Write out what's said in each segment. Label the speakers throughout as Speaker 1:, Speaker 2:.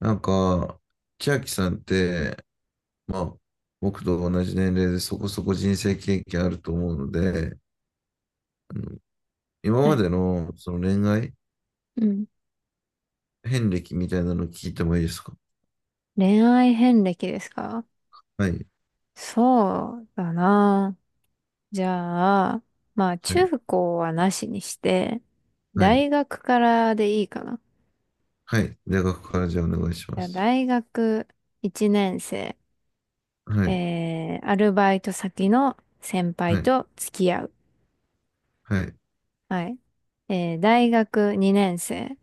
Speaker 1: なんか、千秋さんって、まあ、僕と同じ年齢でそこそこ人生経験あると思うので、あの今
Speaker 2: は
Speaker 1: ま
Speaker 2: い。
Speaker 1: でのその恋愛
Speaker 2: うん。
Speaker 1: 遍歴みたいなの聞いてもいいですか？
Speaker 2: 恋愛遍歴ですか？
Speaker 1: はい、
Speaker 2: そうだな。じゃあ、まあ
Speaker 1: はい、
Speaker 2: 中高はなしにして、
Speaker 1: はい、
Speaker 2: 大学からでいいかな。
Speaker 1: はい。大学からじゃあお願いしま
Speaker 2: じゃあ
Speaker 1: す。
Speaker 2: 大学1年生、
Speaker 1: はい、
Speaker 2: アルバイト先の先
Speaker 1: は
Speaker 2: 輩
Speaker 1: い、
Speaker 2: と付き合う。
Speaker 1: はい、
Speaker 2: はい。大学2年生、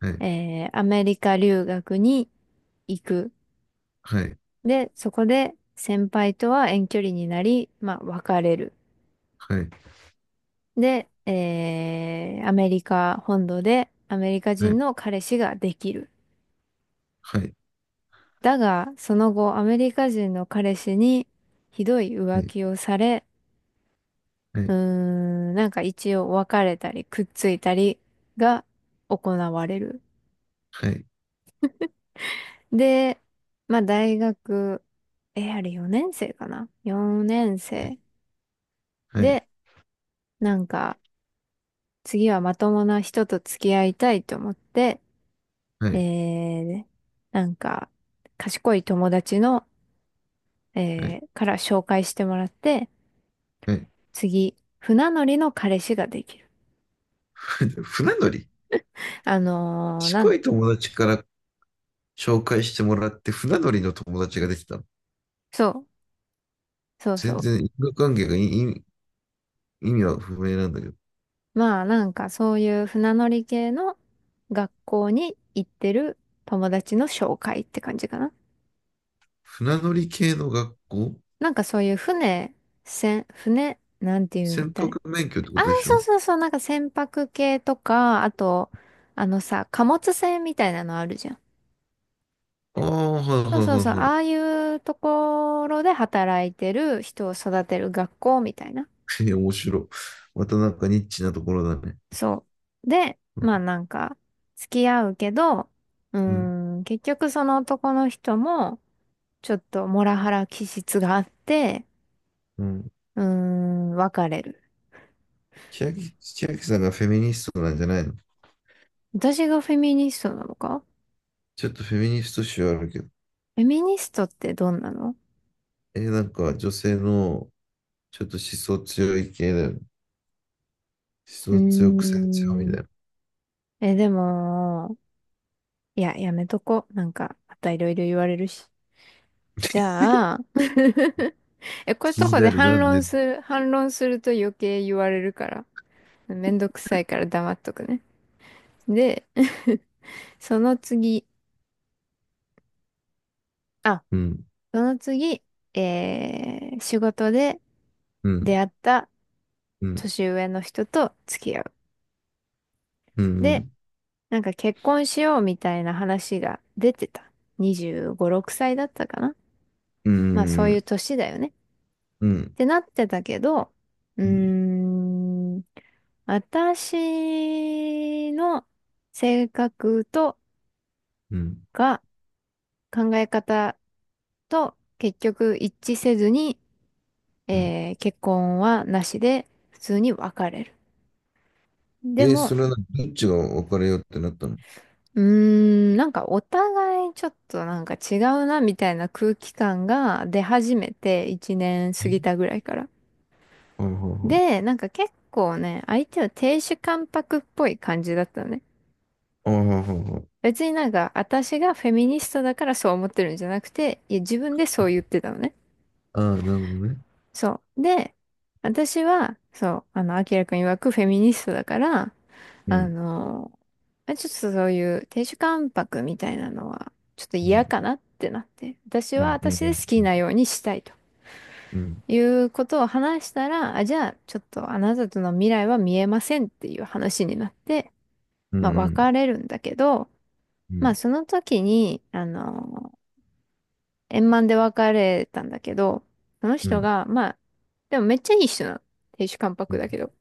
Speaker 1: はい、
Speaker 2: アメリカ留学に行く。
Speaker 1: はい、
Speaker 2: で、そこで先輩とは遠距離になり、まあ別れる。
Speaker 1: はい、
Speaker 2: で、アメリカ本土でアメリカ
Speaker 1: は
Speaker 2: 人
Speaker 1: い、
Speaker 2: の彼氏ができる。
Speaker 1: はい、
Speaker 2: だが、その後、アメリカ人の彼氏にひどい浮気をされ、
Speaker 1: はい、はい、
Speaker 2: なんか一応別れたり、くっついたりが行われる。
Speaker 1: はい、
Speaker 2: で、まあ大学、あれ4年生かな？ 4 年生。
Speaker 1: はい、はい、
Speaker 2: で、なんか、次はまともな人と付き合いたいと思って、
Speaker 1: は
Speaker 2: え
Speaker 1: い、
Speaker 2: ー、なんか、賢い友達の、
Speaker 1: はい。
Speaker 2: から紹介してもらって、
Speaker 1: はい。
Speaker 2: 次、船乗りの彼氏ができる。
Speaker 1: 船乗り。
Speaker 2: あのーな
Speaker 1: 賢
Speaker 2: ん、
Speaker 1: い友達から紹介してもらって船乗りの友達ができたの？
Speaker 2: そう、そう
Speaker 1: 全
Speaker 2: そ
Speaker 1: 然因果関係がいい意味は不明なんだけど。
Speaker 2: う。まあ、なんかそういう船乗り系の学校に行ってる友達の紹介って感じかな。
Speaker 1: 船乗り系の学校。
Speaker 2: なんかそういう船、なんて言うん
Speaker 1: 船
Speaker 2: だ
Speaker 1: 舶
Speaker 2: ね。
Speaker 1: 免許ってこ
Speaker 2: ああ、
Speaker 1: とでし
Speaker 2: そ
Speaker 1: ょ？
Speaker 2: うそうそう、なんか船舶系とか、あと、あのさ、貨物船みたいなのあるじゃん。
Speaker 1: ああ、はいは
Speaker 2: そうそう
Speaker 1: い
Speaker 2: そう、
Speaker 1: はいは
Speaker 2: ああいうところで働いてる人を育てる学校みたいな。
Speaker 1: い。え、面白い。またなんかニッチなところだね。
Speaker 2: そう。で、
Speaker 1: うん、
Speaker 2: まあなんか、付き合うけど、うー
Speaker 1: うん。
Speaker 2: 結局その男の人も、ちょっとモラハラ気質があって、
Speaker 1: うん。
Speaker 2: うー別れる。
Speaker 1: 千秋さんがフェミニストなんじゃないの？
Speaker 2: 私がフェミニストなのか？
Speaker 1: ちょっとフェミニスト臭あるけど。
Speaker 2: フェミニストってどんなの？
Speaker 1: え、なんか女性のちょっと思想強い系だよね。
Speaker 2: うー
Speaker 1: 思想強く性強みたい
Speaker 2: ん、
Speaker 1: な。
Speaker 2: でも、いや、やめとこ。なんか、またいろいろ言われるし。じゃあ、こういう
Speaker 1: 気
Speaker 2: と
Speaker 1: に
Speaker 2: こで
Speaker 1: なるな、ね。
Speaker 2: 反論すると余計言われるから、めんどくさいから黙っとくね。で、その次、あ、
Speaker 1: うん、
Speaker 2: その次、仕事で
Speaker 1: うん、
Speaker 2: 出会った
Speaker 1: うん、
Speaker 2: 年上の人と付き合う。
Speaker 1: う
Speaker 2: で、
Speaker 1: ん、
Speaker 2: なんか結婚しようみたいな話が出てた。25、6歳だったかな。
Speaker 1: うん、
Speaker 2: まあそ
Speaker 1: う
Speaker 2: ういう
Speaker 1: ん、
Speaker 2: 年だよね。
Speaker 1: う
Speaker 2: っ
Speaker 1: ん、
Speaker 2: てなってたけど、うー
Speaker 1: うん、
Speaker 2: ん、私の性格と
Speaker 1: うん。
Speaker 2: か考え方と結局一致せずに、
Speaker 1: うん。
Speaker 2: 結婚はなしで普通に別れる。で
Speaker 1: そ
Speaker 2: も、
Speaker 1: れはどっちが別れようってなったの？
Speaker 2: うーなんかお互いちょっとなんか違うなみたいな空気感が出始めて1年過ぎた
Speaker 1: え
Speaker 2: ぐらいから。
Speaker 1: あはは。
Speaker 2: で、なんか結構ね、相手は亭主関白っぽい感じだったのね。
Speaker 1: あははは。
Speaker 2: 別になんか、私がフェミニストだからそう思ってるんじゃなくて、いや、自分でそう言ってたのね。
Speaker 1: ああ、なるほどね。
Speaker 2: そう。で、私は、そう、あの、アキラくん曰くフェミニストだから、
Speaker 1: う
Speaker 2: あ
Speaker 1: ん。
Speaker 2: の、まあちょっとそういう亭主関白みたいなのは、ちょっと
Speaker 1: うん。
Speaker 2: 嫌かなってなって、私
Speaker 1: う
Speaker 2: は
Speaker 1: ん。う
Speaker 2: 私で
Speaker 1: ん。
Speaker 2: 好きなようにしたいと
Speaker 1: うん。
Speaker 2: いうことを話したら、あ、じゃあ、ちょっとあなたとの未来は見えませんっていう話になって、
Speaker 1: う
Speaker 2: まあ、
Speaker 1: ん。
Speaker 2: 別れるんだけど、
Speaker 1: う
Speaker 2: まあ、
Speaker 1: ん。
Speaker 2: その時に、あの円満で別れたんだけど、その
Speaker 1: うん。う
Speaker 2: 人
Speaker 1: ん。
Speaker 2: が、まあ、でもめっちゃいい人なの。亭主関
Speaker 1: う
Speaker 2: 白
Speaker 1: ん。
Speaker 2: だけど。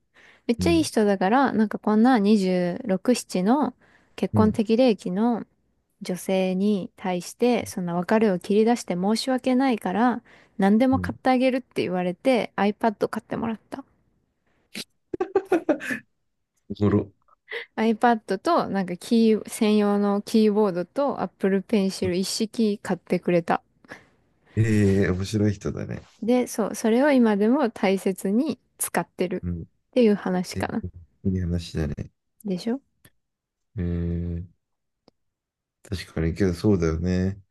Speaker 2: めっちゃいい人だから、なんかこんな26、7の結
Speaker 1: う
Speaker 2: 婚
Speaker 1: ん。
Speaker 2: 適齢期の女性に対して、そんな別れを切り出して申し訳ないから、何で
Speaker 1: う
Speaker 2: も買
Speaker 1: ん。
Speaker 2: ってあげるって言われて、iPad 買ってもらった。
Speaker 1: おもろ。
Speaker 2: iPad と、なんか専用のキーボードと Apple Pencil 一式買ってくれた。
Speaker 1: ええ、面白い人だね。
Speaker 2: で、そう、それを今でも大切に使ってる
Speaker 1: うん。
Speaker 2: っていう話
Speaker 1: え、
Speaker 2: かな。
Speaker 1: いい話だね。
Speaker 2: でしょ？
Speaker 1: ええ、確かに、けどそうだよね。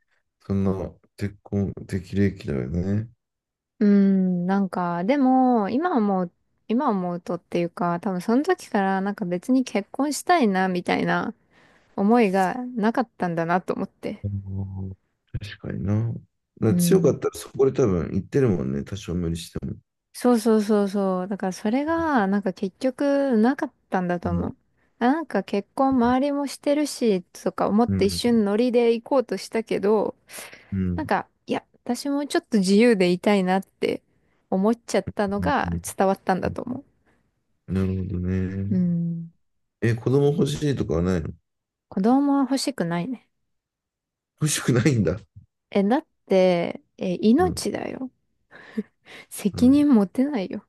Speaker 1: そんな、結婚適齢期だよね。
Speaker 2: うーん、なんか、でも、今思うとっていうか、多分その時からなんか別に結婚したいな、みたいな思いがなかったんだなと思って。
Speaker 1: うん。確かにな。
Speaker 2: う
Speaker 1: な強かっ
Speaker 2: ん。
Speaker 1: たらそこで多分言ってるもんね。多少無理しても。
Speaker 2: そうそうそうそう。だからそれが、なんか結局なかったんだ
Speaker 1: う
Speaker 2: と思
Speaker 1: ん。
Speaker 2: う。あなんか結婚周りもしてるし、とか思っ
Speaker 1: う
Speaker 2: て一
Speaker 1: ん、
Speaker 2: 瞬ノリで行こうとしたけど、
Speaker 1: う
Speaker 2: なん
Speaker 1: ん、
Speaker 2: か、いや、私もちょっと自由でいたいなって思っちゃったの
Speaker 1: うん、
Speaker 2: が
Speaker 1: うん。
Speaker 2: 伝わったん
Speaker 1: う
Speaker 2: だ
Speaker 1: ん。
Speaker 2: と思
Speaker 1: なるほど
Speaker 2: う。う
Speaker 1: ね。
Speaker 2: ん。
Speaker 1: え、子供欲しいとかはないの？
Speaker 2: 子供は欲しくないね。
Speaker 1: 欲しくないんだ。
Speaker 2: え、だって、え、
Speaker 1: うん、
Speaker 2: 命だよ。
Speaker 1: う
Speaker 2: 責
Speaker 1: ん。
Speaker 2: 任持てないよ。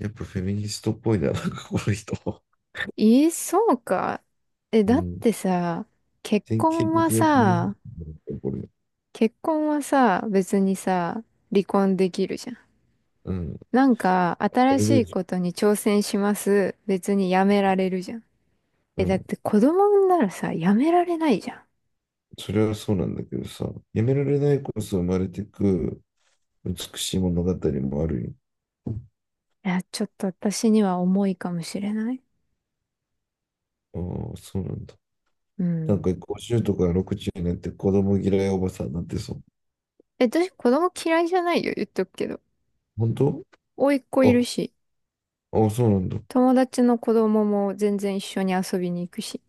Speaker 1: やっぱフェミニストっぽいな、なんかこの人。
Speaker 2: え、そうか。え、
Speaker 1: う
Speaker 2: だっ
Speaker 1: ん。
Speaker 2: てさ、結
Speaker 1: 典型
Speaker 2: 婚
Speaker 1: 的
Speaker 2: は
Speaker 1: なフェミニ
Speaker 2: さ、
Speaker 1: ストなんだ、これ。
Speaker 2: 結婚はさ、別にさ、離婚できるじゃん。
Speaker 1: うん。
Speaker 2: なんか、
Speaker 1: あ
Speaker 2: 新し
Speaker 1: れ
Speaker 2: い
Speaker 1: で、
Speaker 2: ことに挑戦します。別にやめられるじゃん。
Speaker 1: う
Speaker 2: え、だっ
Speaker 1: ん。
Speaker 2: て子供産んだらさ、やめられないじゃん。
Speaker 1: それはそうなんだけどさ、やめられないこそ生まれてく美しい物語もある
Speaker 2: いや、ちょっと私には重いかもしれない。
Speaker 1: よ。ああ、そうなんだ。
Speaker 2: う
Speaker 1: なん
Speaker 2: ん。
Speaker 1: か50とか60になって子供嫌いおばさんになってそう。
Speaker 2: え、私子供嫌いじゃないよ、言っとくけど。
Speaker 1: 本当？
Speaker 2: 甥っ子いる
Speaker 1: あ、
Speaker 2: し、
Speaker 1: あ、そうなんだ。
Speaker 2: 友達の子供も全然一緒に遊びに行くし。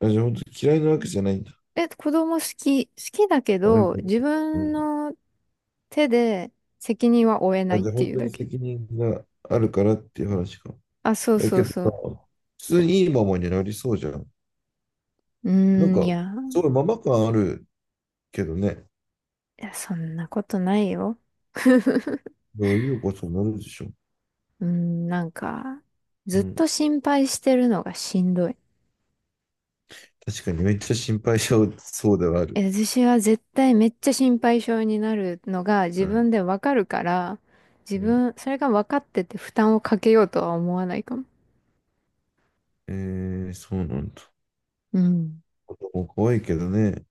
Speaker 1: あ、じゃあ本当に嫌いなわけじゃないんだ。
Speaker 2: え、子供好きだけ
Speaker 1: あ、やっぱ。
Speaker 2: ど、自
Speaker 1: う
Speaker 2: 分
Speaker 1: ん。
Speaker 2: の手で責任は負えな
Speaker 1: あ、
Speaker 2: いっ
Speaker 1: じゃあ
Speaker 2: て
Speaker 1: 本
Speaker 2: いう
Speaker 1: 当
Speaker 2: だ
Speaker 1: に
Speaker 2: け。
Speaker 1: 責任があるからっていう話か。
Speaker 2: あ、そう
Speaker 1: え、
Speaker 2: そ
Speaker 1: け
Speaker 2: う
Speaker 1: ど
Speaker 2: そう。
Speaker 1: さ、普通にいいママになりそうじゃん。
Speaker 2: う
Speaker 1: なん
Speaker 2: ーん、い
Speaker 1: か、
Speaker 2: や、
Speaker 1: すごいママ感あるけどね。
Speaker 2: いや、そんなことないよ。
Speaker 1: どういうことになるでしょう。
Speaker 2: なんか、ずっ
Speaker 1: うん。
Speaker 2: と心配してるのがしんどい。
Speaker 1: 確かにめっちゃ心配しちゃうそうではある。
Speaker 2: え、私は絶対めっちゃ心配性になるのが
Speaker 1: う
Speaker 2: 自分
Speaker 1: ん。
Speaker 2: でわかるから、自
Speaker 1: う
Speaker 2: 分、それが分かってて負担をかけようとは思わないかも。
Speaker 1: ん、そうなんだ。
Speaker 2: うん。
Speaker 1: 子供可愛いけどね。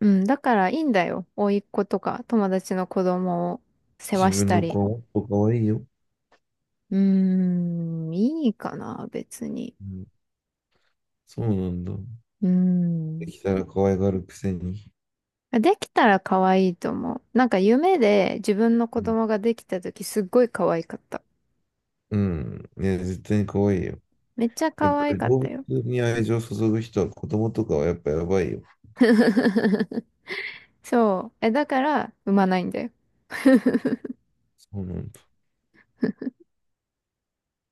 Speaker 2: うん、だからいいんだよ。甥っ子とか友達の子供を世話
Speaker 1: 自
Speaker 2: し
Speaker 1: 分
Speaker 2: た
Speaker 1: の
Speaker 2: り。
Speaker 1: 子はもっと可愛いよ。
Speaker 2: うーん、いいかな、別に。
Speaker 1: うん。そうなんだ。
Speaker 2: うー
Speaker 1: で
Speaker 2: ん。
Speaker 1: きたら可愛がるくせに。
Speaker 2: できたら可愛いと思う。なんか夢で自分の子
Speaker 1: うん。
Speaker 2: 供ができた時すっごい可愛かった。
Speaker 1: うん。いや、絶対に可愛いよ。
Speaker 2: めっちゃ
Speaker 1: やっ
Speaker 2: 可
Speaker 1: ぱ
Speaker 2: 愛
Speaker 1: り
Speaker 2: かった
Speaker 1: 動
Speaker 2: よ。
Speaker 1: 物に愛情を注ぐ人は子供とかはやっぱやばいよ。
Speaker 2: そう。え、だから産まないんだよ。
Speaker 1: そうなんだ。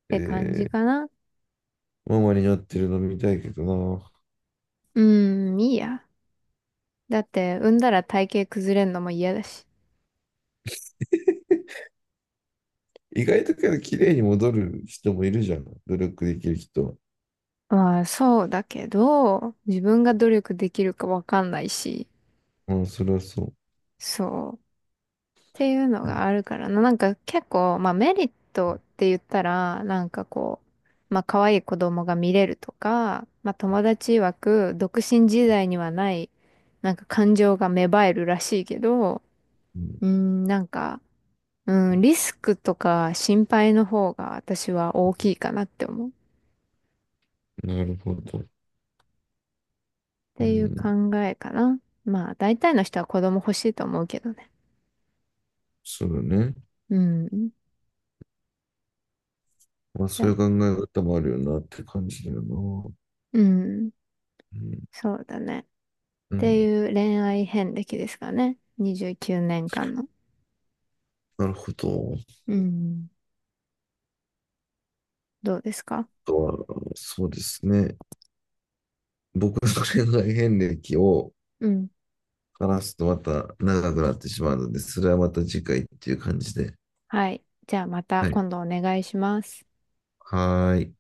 Speaker 2: て感じ
Speaker 1: え
Speaker 2: かな。
Speaker 1: ママになってるの見たいけどな。
Speaker 2: うーん、いいや。だって、産んだら体型崩れんのも嫌だし。
Speaker 1: 意外とけど綺麗に戻る人もいるじゃん。努力できる人は。
Speaker 2: まあ、そうだけど、自分が努力できるかわかんないし、
Speaker 1: まあ、それはそ
Speaker 2: そう。っていうの
Speaker 1: う。うん。
Speaker 2: があるからな。なんか結構、まあメリットって言ったら、なんかこう、まあ可愛い子供が見れるとか、まあ友達曰く、独身時代にはない、なんか感情が芽生えるらしいけど、
Speaker 1: うん。
Speaker 2: なんか、うん、リスクとか心配の方が私は大きいかなって思う。っ
Speaker 1: なるほど。う
Speaker 2: ていう
Speaker 1: ん、
Speaker 2: 考えかな。まあ、大体の人は子供欲しいと思うけどね。
Speaker 1: そうだね。
Speaker 2: うん。い
Speaker 1: まあ、そ
Speaker 2: や。
Speaker 1: ういう考え方もあるよなって感じだよな。
Speaker 2: うん。
Speaker 1: うん、
Speaker 2: そうだね。っ
Speaker 1: う
Speaker 2: て
Speaker 1: ん、
Speaker 2: いう恋愛遍歴ですかね。29年間の。
Speaker 1: なるほど。あ
Speaker 2: うん。どうですか？
Speaker 1: とは、そうですね。僕の恋愛遍歴を
Speaker 2: うん。
Speaker 1: 話すとまた長くなってしまうので、それはまた次回っていう感じで。
Speaker 2: はい。じゃあまた
Speaker 1: はい。
Speaker 2: 今度お願いします。
Speaker 1: はーい。